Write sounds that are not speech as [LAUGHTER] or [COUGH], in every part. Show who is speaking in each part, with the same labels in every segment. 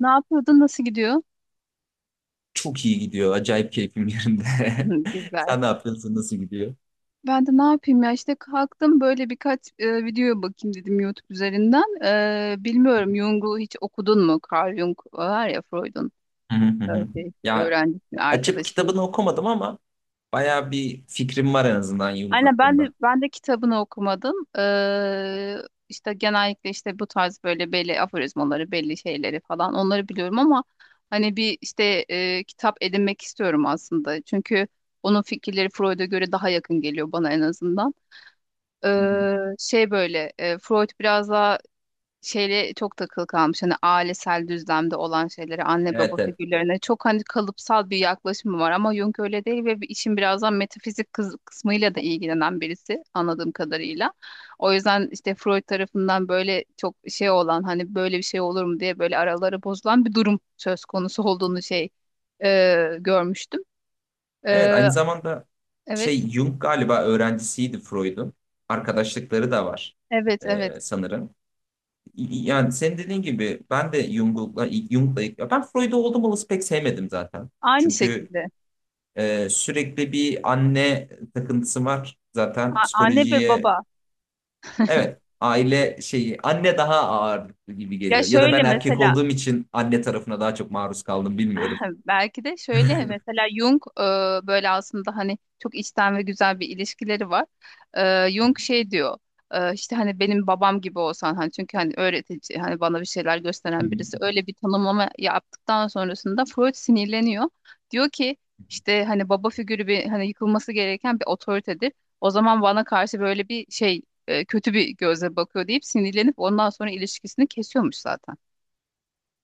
Speaker 1: Ne yapıyordun? Nasıl gidiyor? [LAUGHS]
Speaker 2: Çok iyi gidiyor. Acayip keyfim yerinde.
Speaker 1: Hı,
Speaker 2: [LAUGHS]
Speaker 1: güzel.
Speaker 2: Sen ne yapıyorsun? Nasıl gidiyor?
Speaker 1: Ben de ne yapayım ya işte kalktım böyle birkaç videoya bakayım dedim YouTube üzerinden. Bilmiyorum, Jung'u hiç okudun mu? Carl Jung var ya, Freud'un
Speaker 2: Hı hı hı hı.
Speaker 1: şeysi,
Speaker 2: Ya,
Speaker 1: öğrencisi,
Speaker 2: açıp
Speaker 1: arkadaşının.
Speaker 2: kitabını okumadım ama bayağı bir fikrim var en azından Jung
Speaker 1: Aynen, ben de
Speaker 2: hakkında.
Speaker 1: ben de kitabını okumadım. İşte genellikle işte bu tarz böyle belli aforizmaları, belli şeyleri falan onları biliyorum ama hani bir işte kitap edinmek istiyorum aslında. Çünkü onun fikirleri Freud'a göre daha yakın geliyor bana, en azından.
Speaker 2: Hı hı.
Speaker 1: Şey böyle, Freud biraz daha şeyle çok takılı kalmış, hani ailesel düzlemde olan şeylere, anne baba
Speaker 2: Evet, evet.
Speaker 1: figürlerine çok hani kalıpsal bir yaklaşımı var, ama Jung öyle değil ve bir işin birazdan metafizik kısmıyla da ilgilenen birisi, anladığım kadarıyla. O yüzden işte Freud tarafından böyle çok şey olan, hani böyle bir şey olur mu diye böyle araları bozulan bir durum söz konusu olduğunu şey görmüştüm.
Speaker 2: Evet,
Speaker 1: Ee,
Speaker 2: aynı zamanda
Speaker 1: evet,
Speaker 2: şey Jung galiba öğrencisiydi Freud'un. Arkadaşlıkları da var,
Speaker 1: evet, evet,
Speaker 2: sanırım. Yani senin dediğin gibi ben de Jung'la, ya ben Freud'u oldum olası pek sevmedim zaten.
Speaker 1: aynı
Speaker 2: Çünkü
Speaker 1: şekilde.
Speaker 2: Sürekli bir anne takıntısı var. Zaten
Speaker 1: Anne ve
Speaker 2: psikolojiye
Speaker 1: baba.
Speaker 2: evet, aile şeyi, anne daha ağırlıklı gibi
Speaker 1: Ya
Speaker 2: geliyor. Ya da
Speaker 1: şöyle
Speaker 2: ben erkek
Speaker 1: mesela,
Speaker 2: olduğum için anne tarafına daha çok maruz kaldım, bilmiyorum.
Speaker 1: [LAUGHS] belki de şöyle mesela Jung böyle aslında hani çok içten ve güzel bir ilişkileri var. Jung
Speaker 2: [LAUGHS]
Speaker 1: şey diyor, işte hani benim babam gibi olsan, hani çünkü hani öğretici, hani bana bir şeyler
Speaker 2: Hı
Speaker 1: gösteren
Speaker 2: hı.
Speaker 1: birisi, öyle bir tanımlama yaptıktan sonrasında Freud sinirleniyor. Diyor ki işte hani baba figürü bir hani yıkılması gereken bir otoritedir. O zaman bana karşı böyle bir şey kötü bir gözle bakıyor deyip sinirlenip ondan sonra ilişkisini kesiyormuş zaten.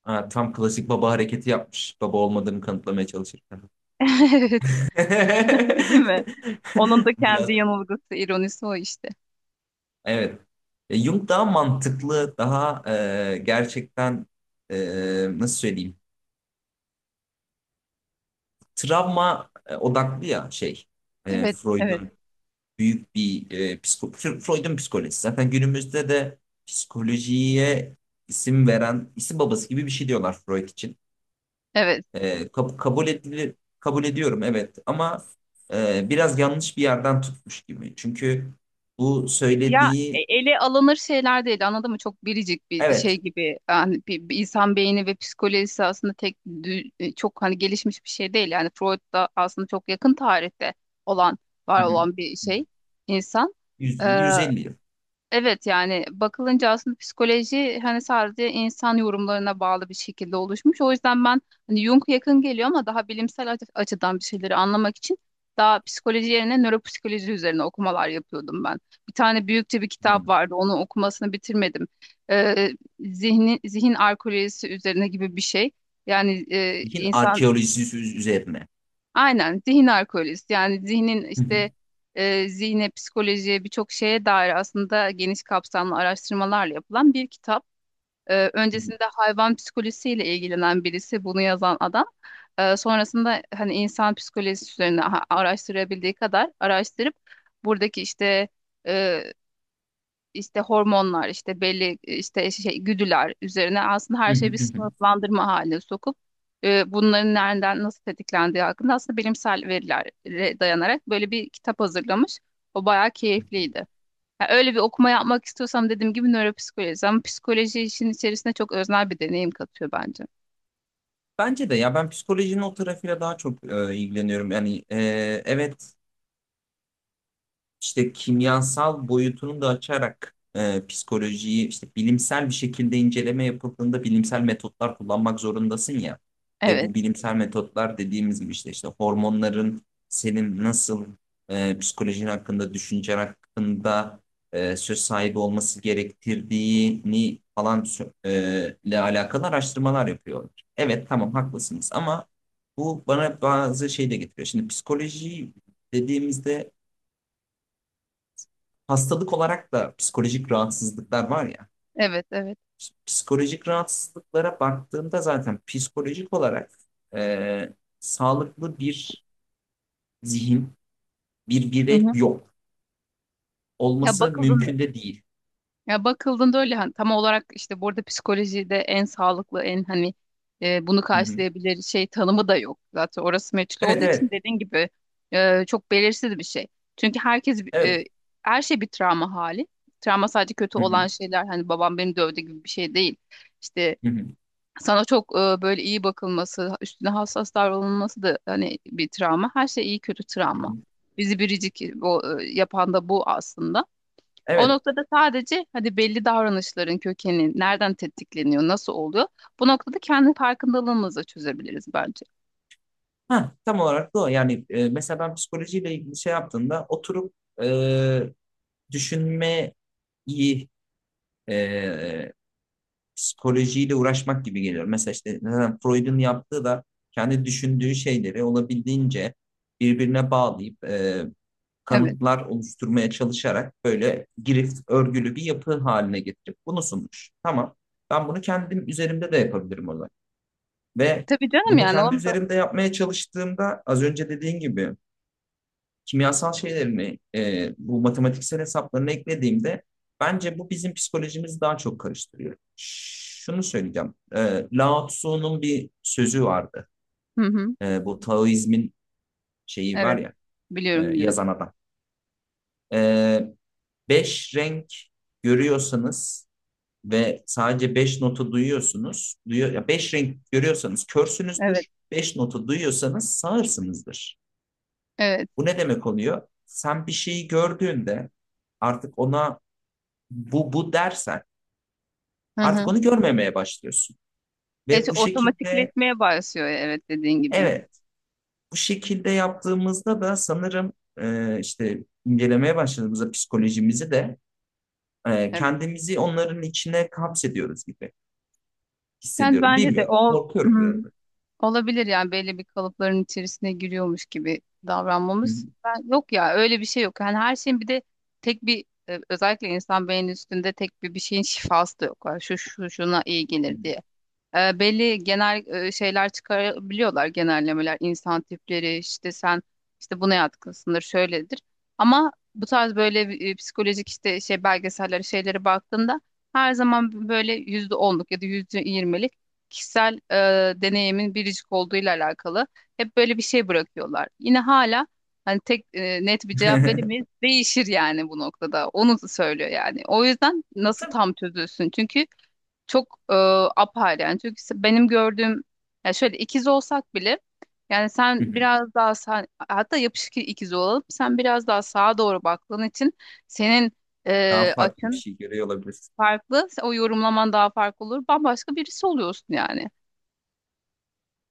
Speaker 2: Ha, tam klasik baba hareketi yapmış. Baba olmadığını kanıtlamaya çalışırken.
Speaker 1: [LAUGHS] Evet. [LAUGHS] Değil mi? Onun
Speaker 2: [LAUGHS]
Speaker 1: da
Speaker 2: Biraz,
Speaker 1: kendi yanılgısı, ironisi o işte.
Speaker 2: evet. Jung daha mantıklı, daha gerçekten, e, nasıl söyleyeyim? Travma odaklı, ya şey.
Speaker 1: Evet, evet,
Speaker 2: Freud'un büyük bir e, psiko Freud'un psikolojisi. Zaten günümüzde de psikolojiye isim veren, isim babası gibi bir şey diyorlar Freud için.
Speaker 1: evet.
Speaker 2: Kabul edilir, kabul ediyorum, evet ama biraz yanlış bir yerden tutmuş gibi. Çünkü bu
Speaker 1: Ya
Speaker 2: söylediği,
Speaker 1: ele alınır şeyler değil, anladın mı? Çok biricik bir
Speaker 2: evet.
Speaker 1: şey gibi. Yani bir insan beyni ve psikolojisi aslında çok hani gelişmiş bir şey değil. Yani Freud da aslında çok yakın tarihte olan, var
Speaker 2: Hı hı.
Speaker 1: olan bir şey, insan.
Speaker 2: 100 yıl, 150 yıl.
Speaker 1: Evet, yani bakılınca aslında psikoloji hani sadece insan yorumlarına bağlı bir şekilde oluşmuş. O yüzden ben hani Jung yakın geliyor, ama daha bilimsel açıdan bir şeyleri anlamak için daha psikoloji yerine nöropsikoloji üzerine okumalar yapıyordum ben. Bir tane büyükçe bir
Speaker 2: Hı hı.
Speaker 1: kitap vardı. Onun okumasını bitirmedim. Ee, zihin arkeolojisi üzerine gibi bir şey. Yani
Speaker 2: Zihin
Speaker 1: insan.
Speaker 2: arkeolojisi üzerine.
Speaker 1: Aynen, zihin arkeolojisi, yani zihnin
Speaker 2: Hı hı.
Speaker 1: işte zihne, psikolojiye birçok şeye dair aslında geniş kapsamlı araştırmalarla yapılan bir kitap.
Speaker 2: Hı hı.
Speaker 1: Öncesinde hayvan psikolojisiyle ilgilenen birisi bunu yazan adam. Sonrasında hani insan psikolojisi üzerine araştırabildiği kadar araştırıp buradaki işte e, işte hormonlar, işte belli işte şey güdüler üzerine aslında her
Speaker 2: Hı hı.
Speaker 1: şeyi bir
Speaker 2: Hı hı.
Speaker 1: sınıflandırma haline sokup bunların nereden nasıl tetiklendiği hakkında aslında bilimsel verilere dayanarak böyle bir kitap hazırlamış. O bayağı keyifliydi. Yani öyle bir okuma yapmak istiyorsam, dediğim gibi nöropsikoloji, ama psikoloji işin içerisine çok öznel bir deneyim katıyor bence.
Speaker 2: Bence de, ya ben psikolojinin o tarafıyla daha çok ilgileniyorum. Yani, evet, işte kimyasal boyutunu da açarak psikolojiyi işte bilimsel bir şekilde inceleme yapıldığında bilimsel metotlar kullanmak zorundasın ya. Ve bu
Speaker 1: Evet,
Speaker 2: bilimsel metotlar, dediğimiz gibi, işte hormonların senin nasıl psikolojin hakkında, düşüncen hakkında söz sahibi olması gerektirdiğini falan ile alakalı araştırmalar yapıyorlar. Evet, tamam, haklısınız ama bu bana bazı şey de getiriyor. Şimdi psikoloji dediğimizde, hastalık olarak da psikolojik rahatsızlıklar var ya.
Speaker 1: evet, evet.
Speaker 2: Psikolojik rahatsızlıklara baktığımda zaten psikolojik olarak e, sağlıklı bir zihin, bir
Speaker 1: Hı
Speaker 2: birey
Speaker 1: hı.
Speaker 2: yok.
Speaker 1: Ya
Speaker 2: Olması
Speaker 1: bakıldığında
Speaker 2: mümkün de değil.
Speaker 1: Ya bakıldığında öyle hani tam olarak işte burada psikolojide en sağlıklı en hani bunu
Speaker 2: Hı hı.
Speaker 1: karşılayabilir şey tanımı da yok. Zaten orası meçhul olduğu
Speaker 2: Evet,
Speaker 1: için,
Speaker 2: evet,
Speaker 1: dediğin gibi, çok belirsiz bir şey. Çünkü
Speaker 2: evet.
Speaker 1: her şey bir travma hali. Travma sadece kötü
Speaker 2: Hı hı,
Speaker 1: olan şeyler, hani babam beni dövdü gibi bir şey değil. İşte
Speaker 2: hı hı,
Speaker 1: sana çok böyle iyi bakılması, üstüne hassas davranılması da hani bir travma. Her şey iyi kötü
Speaker 2: hı
Speaker 1: travma.
Speaker 2: hı.
Speaker 1: Bizi biricik, yapan da bu aslında. O
Speaker 2: Evet.
Speaker 1: noktada sadece hadi belli davranışların kökeni nereden tetikleniyor, nasıl oluyor? Bu noktada kendi farkındalığımızla çözebiliriz bence.
Speaker 2: Ha, tam olarak da o. Yani, mesela ben psikolojiyle ilgili şey yaptığımda oturup e, düşünmeyi, e, psikolojiyle uğraşmak gibi geliyor. Mesela işte, neden Freud'un yaptığı da kendi düşündüğü şeyleri olabildiğince birbirine bağlayıp
Speaker 1: Evet.
Speaker 2: kanıtlar oluşturmaya çalışarak, böyle girift örgülü bir yapı haline getirip bunu sunmuş. Tamam. Ben bunu kendim üzerimde de yapabilirim o zaman. Ve
Speaker 1: Tabii canım,
Speaker 2: bunu
Speaker 1: yani
Speaker 2: kendi
Speaker 1: onu da.
Speaker 2: üzerimde yapmaya çalıştığımda, az önce dediğin gibi, kimyasal şeylerini, bu matematiksel hesaplarını eklediğimde, bence bu bizim psikolojimizi daha çok karıştırıyor. Şunu söyleyeceğim. Lao Tzu'nun bir sözü vardı.
Speaker 1: Hı hı.
Speaker 2: Bu Taoizmin şeyi var
Speaker 1: Evet.
Speaker 2: ya,
Speaker 1: Biliyorum, biliyorum.
Speaker 2: yazan adam. E, Beş renk görüyorsanız ve sadece beş notu duyuyorsunuz. Duyuyor, ya beş renk görüyorsanız
Speaker 1: Evet.
Speaker 2: körsünüzdür. Beş notu duyuyorsanız sağırsınızdır.
Speaker 1: Evet.
Speaker 2: Bu ne demek oluyor? Sen bir şeyi gördüğünde, artık ona "bu, bu" dersen,
Speaker 1: Hı
Speaker 2: artık
Speaker 1: hı.
Speaker 2: onu görmemeye başlıyorsun.
Speaker 1: Evet,
Speaker 2: Ve bu şekilde,
Speaker 1: otomatikleşmeye başlıyor, evet, dediğin gibi.
Speaker 2: evet, bu şekilde yaptığımızda da sanırım, işte incelemeye başladığımızda psikolojimizi de,
Speaker 1: Evet.
Speaker 2: kendimizi onların içine kapsediyoruz gibi
Speaker 1: Yani
Speaker 2: hissediyorum.
Speaker 1: bence de
Speaker 2: Bilmiyorum.
Speaker 1: o.
Speaker 2: Korkuyorum
Speaker 1: [CLEARS THROAT]
Speaker 2: biraz da.
Speaker 1: Olabilir yani, belli bir kalıpların içerisine giriyormuş gibi
Speaker 2: Hı
Speaker 1: davranmamız. Yok ya, öyle bir şey yok. Yani her şeyin bir de tek bir, özellikle insan beyninin üstünde tek bir şeyin şifası da yok. Yani şu şu şuna iyi gelir diye. Belli genel şeyler çıkarabiliyorlar, genellemeler, insan tipleri, işte sen işte buna yatkınsındır, şöyledir. Ama bu tarz böyle psikolojik işte şey belgeseller, şeylere baktığında her zaman böyle %10'luk ya da %20'lik kişisel deneyimin biricik olduğuyla alakalı hep böyle bir şey bırakıyorlar. Yine hala hani tek net bir cevap
Speaker 2: hı.
Speaker 1: veremeyiz. Değişir yani bu noktada. Onu söylüyor yani. O yüzden
Speaker 2: [LAUGHS]
Speaker 1: nasıl
Speaker 2: Tabii.
Speaker 1: tam çözülsün? Çünkü çok apayrı yani, çünkü benim gördüğüm, ya şöyle, ikiz olsak bile, yani
Speaker 2: Hı
Speaker 1: sen
Speaker 2: hı.
Speaker 1: biraz daha sağ, hatta yapışık ikiz olalım, sen biraz daha sağa doğru baktığın için senin
Speaker 2: Daha farklı bir
Speaker 1: açın
Speaker 2: şey görüyor olabilirsin.
Speaker 1: farklı, o yorumlaman daha farklı olur, bambaşka birisi oluyorsun yani.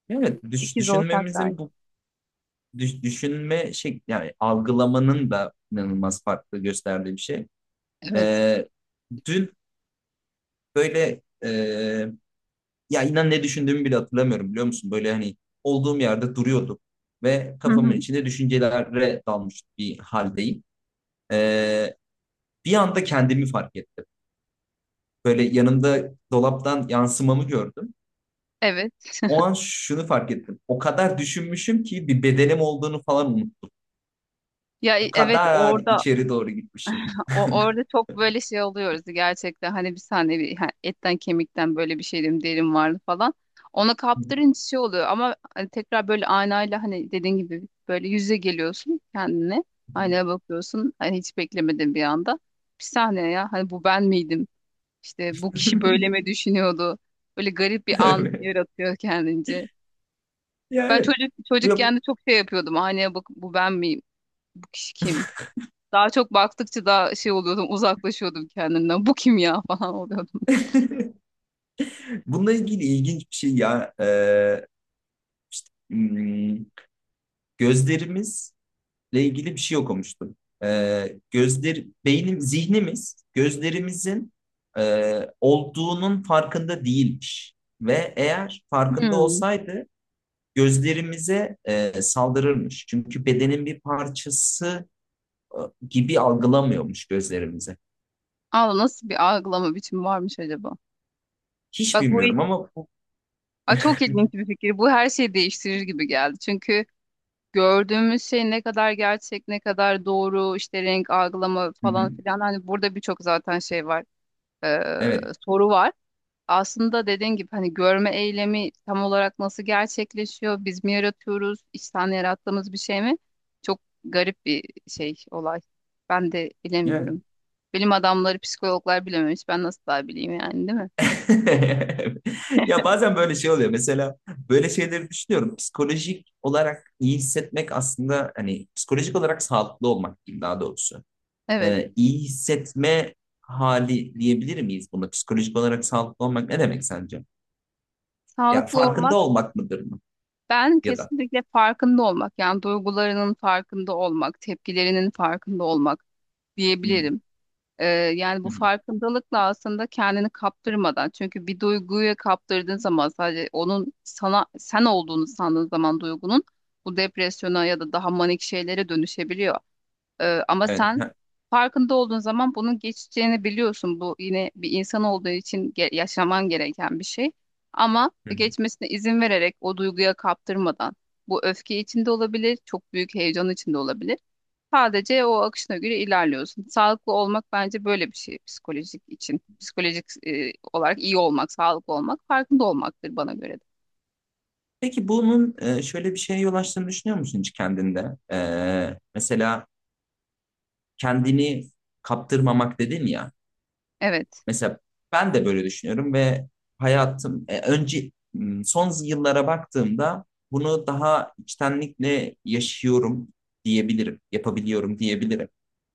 Speaker 2: Evet,
Speaker 1: İkiz olsak dahi.
Speaker 2: düşünmemizin bu düşünme şey, yani algılamanın da inanılmaz farklı gösterdiği bir şey.
Speaker 1: Evet.
Speaker 2: E, dün böyle, ya inan, ne düşündüğümü bile hatırlamıyorum, biliyor musun? Böyle hani, olduğum yerde duruyordum ve
Speaker 1: [LAUGHS] Hı
Speaker 2: kafamın
Speaker 1: hı.
Speaker 2: içinde düşüncelere dalmış bir haldeyim. E, bir anda kendimi fark ettim. Böyle yanımda, dolaptan yansımamı gördüm.
Speaker 1: Evet.
Speaker 2: O
Speaker 1: [LAUGHS]
Speaker 2: an şunu fark ettim. O kadar düşünmüşüm ki bir bedenim olduğunu falan unuttum.
Speaker 1: Ya
Speaker 2: O
Speaker 1: evet,
Speaker 2: kadar
Speaker 1: orada.
Speaker 2: içeri doğru gitmişim.
Speaker 1: Orada çok böyle şey oluyoruz gerçekten, hani bir saniye bir, ha, etten kemikten böyle bir şeydim derim vardı falan. Ona kaptırınca şey oluyor ama hani tekrar böyle aynayla, hani dediğin gibi böyle yüze geliyorsun kendine. Aynaya bakıyorsun, hani hiç beklemedin, bir anda. Bir saniye ya, hani bu ben miydim? İşte bu kişi böyle mi
Speaker 2: [LAUGHS]
Speaker 1: düşünüyordu? Böyle garip bir an
Speaker 2: Evet.
Speaker 1: yaratıyor kendince.
Speaker 2: Ya,
Speaker 1: Ben
Speaker 2: evet.
Speaker 1: çocuk çocukken
Speaker 2: Yok.
Speaker 1: de çok şey yapıyordum. Aynaya bakıp, bu ben miyim? Bu kişi kim? Daha çok baktıkça daha şey oluyordum, uzaklaşıyordum kendimden. Bu kim ya, [LAUGHS] falan oluyordum.
Speaker 2: [LAUGHS] Bununla ilgili ilginç bir şey ya. Hmm, gözlerimizle ilgili bir şey okumuştum. Gözler, beynim, zihnimiz gözlerimizin e, olduğunun farkında değilmiş. Ve eğer farkında
Speaker 1: Hmm.
Speaker 2: olsaydı gözlerimize saldırırmış. Çünkü bedenin bir parçası e, gibi algılamıyormuş gözlerimize.
Speaker 1: Allah, nasıl bir algılama biçimi varmış acaba?
Speaker 2: Hiç
Speaker 1: Bak bu.
Speaker 2: bilmiyorum ama bu...
Speaker 1: Çok ilginç bir fikir. Bu her şeyi değiştirir gibi geldi. Çünkü gördüğümüz şey ne kadar gerçek, ne kadar doğru, işte renk algılama
Speaker 2: Hı hı.
Speaker 1: falan filan. Hani burada birçok zaten şey var, ee,
Speaker 2: Evet.
Speaker 1: soru var. Aslında dediğin gibi hani görme eylemi tam olarak nasıl gerçekleşiyor? Biz mi yaratıyoruz? İçten yarattığımız bir şey mi? Çok garip bir şey olay. Ben de
Speaker 2: Evet.
Speaker 1: bilemiyorum. Bilim adamları, psikologlar bilememiş. Ben nasıl daha bileyim yani, değil mi?
Speaker 2: [LAUGHS] Ya, bazen böyle şey oluyor. Mesela böyle şeyleri düşünüyorum. Psikolojik olarak iyi hissetmek aslında, hani psikolojik olarak sağlıklı olmak diyeyim daha doğrusu.
Speaker 1: Evet.
Speaker 2: İyi hissetme hali diyebilir miyiz buna? Psikolojik olarak sağlıklı olmak ne demek sence? Ya,
Speaker 1: Sağlıklı
Speaker 2: farkında
Speaker 1: olmak,
Speaker 2: olmak mıdır mı?
Speaker 1: ben
Speaker 2: Ya da.
Speaker 1: kesinlikle farkında olmak, yani duygularının farkında olmak, tepkilerinin farkında olmak
Speaker 2: Hı hı,
Speaker 1: diyebilirim. Ee, Yani
Speaker 2: hı
Speaker 1: bu
Speaker 2: hı.
Speaker 1: farkındalıkla aslında kendini kaptırmadan, çünkü bir duyguya kaptırdığın zaman, sadece onun sana sen olduğunu sandığın zaman, duygunun bu depresyona ya da daha manik şeylere dönüşebiliyor. Ama
Speaker 2: Evet.
Speaker 1: sen
Speaker 2: Ha,
Speaker 1: farkında olduğun zaman bunun geçeceğini biliyorsun. Bu yine bir insan olduğu için yaşaman gereken bir şey. Ama
Speaker 2: hı hı.
Speaker 1: geçmesine izin vererek, o duyguya kaptırmadan, bu öfke içinde olabilir, çok büyük heyecan içinde olabilir. Sadece o akışına göre ilerliyorsun. Sağlıklı olmak bence böyle bir şey psikolojik için. Psikolojik olarak iyi olmak, sağlıklı olmak, farkında olmaktır bana göre de.
Speaker 2: Peki bunun şöyle bir şeye yol açtığını düşünüyor musun hiç kendinde? Mesela kendini kaptırmamak dedin ya.
Speaker 1: Evet.
Speaker 2: Mesela ben de böyle düşünüyorum ve hayatım, önce, son yıllara baktığımda bunu daha içtenlikle yaşıyorum diyebilirim, yapabiliyorum diyebilirim.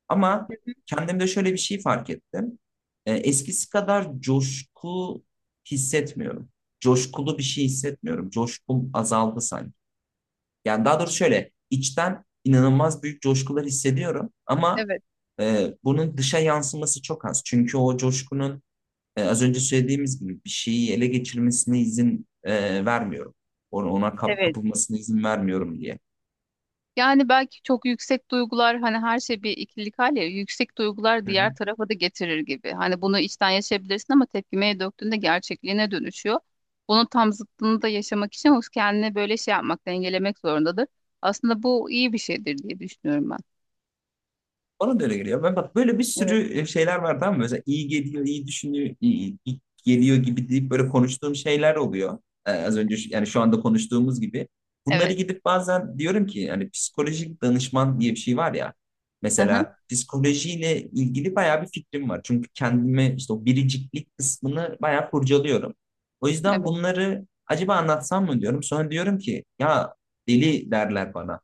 Speaker 2: Ama kendimde şöyle bir şey fark ettim. Eskisi kadar coşku hissetmiyorum. Coşkulu bir şey hissetmiyorum. Coşkum azaldı sanki. Yani daha doğrusu, şöyle içten inanılmaz büyük coşkular hissediyorum ama
Speaker 1: Evet,
Speaker 2: bunun dışa yansıması çok az. Çünkü o coşkunun, az önce söylediğimiz gibi, bir şeyi ele geçirmesine izin vermiyorum. Ona, ona kap-
Speaker 1: evet.
Speaker 2: kapılmasına izin vermiyorum diye.
Speaker 1: Yani belki çok yüksek duygular, hani her şey bir ikilik hal ya, yüksek duygular
Speaker 2: Hı hı.
Speaker 1: diğer tarafa da getirir gibi. Hani bunu içten yaşayabilirsin ama tepkimeye döktüğünde gerçekliğine dönüşüyor. Bunun tam zıttını da yaşamak için o kendine böyle şey yapmak, dengelemek zorundadır. Aslında bu iyi bir şeydir diye düşünüyorum ben.
Speaker 2: Bana da öyle geliyor. Ben bak, böyle bir
Speaker 1: Evet.
Speaker 2: sürü şeyler var, tamam mı? Mesela iyi geliyor, iyi düşünüyor, iyi geliyor gibi deyip böyle konuştuğum şeyler oluyor. Az önce, yani şu anda konuştuğumuz gibi. Bunları
Speaker 1: Evet.
Speaker 2: gidip bazen diyorum ki, yani psikolojik danışman diye bir şey var ya.
Speaker 1: Hı hı.
Speaker 2: Mesela psikolojiyle ilgili bayağı bir fikrim var. Çünkü kendime işte o biriciklik kısmını bayağı kurcalıyorum. O yüzden
Speaker 1: Evet. [LAUGHS]
Speaker 2: bunları acaba anlatsam mı diyorum. Sonra diyorum ki, ya deli derler bana.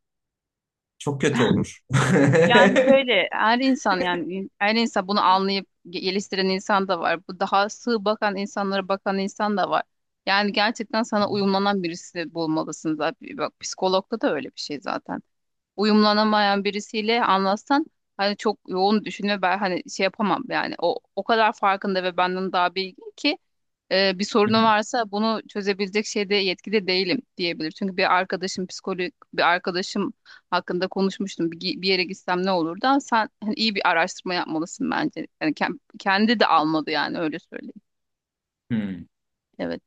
Speaker 2: Çok kötü olur. [LAUGHS]
Speaker 1: Yani şöyle her insan, yani her insan, bunu anlayıp geliştiren insan da var. Bu daha sığ bakan insanlara bakan insan da var. Yani gerçekten sana uyumlanan birisi bulmalısın zaten. Bak, psikologda da öyle bir şey zaten. Uyumlanamayan birisiyle anlatsan, hani çok yoğun düşünme, ben hani şey yapamam yani, o kadar farkında ve benden daha bilgin ki bir
Speaker 2: Hı
Speaker 1: sorunu
Speaker 2: hı.
Speaker 1: varsa bunu çözebilecek şeyde, yetkide değilim diyebilir. Çünkü bir arkadaşım psikolog, bir arkadaşım hakkında konuşmuştum. Bir yere gitsem ne olur, da sen hani iyi bir araştırma yapmalısın bence. Yani kendi de almadı yani, öyle söyleyeyim.
Speaker 2: Hmm.
Speaker 1: Evet.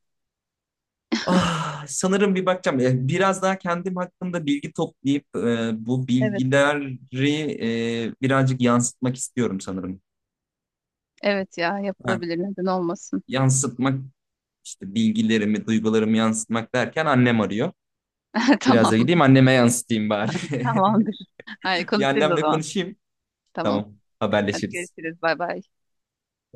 Speaker 2: Ah, sanırım bir bakacağım. Biraz daha kendim hakkında bilgi toplayıp bu
Speaker 1: Evet.
Speaker 2: bilgileri birazcık yansıtmak istiyorum sanırım.
Speaker 1: Evet ya,
Speaker 2: Ha,
Speaker 1: yapılabilir, neden olmasın.
Speaker 2: yansıtmak, işte bilgilerimi, duygularımı yansıtmak derken annem arıyor.
Speaker 1: [LAUGHS]
Speaker 2: Biraz da
Speaker 1: Tamam.
Speaker 2: gideyim, anneme yansıtayım bari. [LAUGHS]
Speaker 1: Tamamdır. Hayır,
Speaker 2: Bir
Speaker 1: konuşuruz o
Speaker 2: annemle
Speaker 1: zaman.
Speaker 2: konuşayım.
Speaker 1: Tamam.
Speaker 2: Tamam,
Speaker 1: Hadi
Speaker 2: haberleşiriz.
Speaker 1: görüşürüz. Bay bay.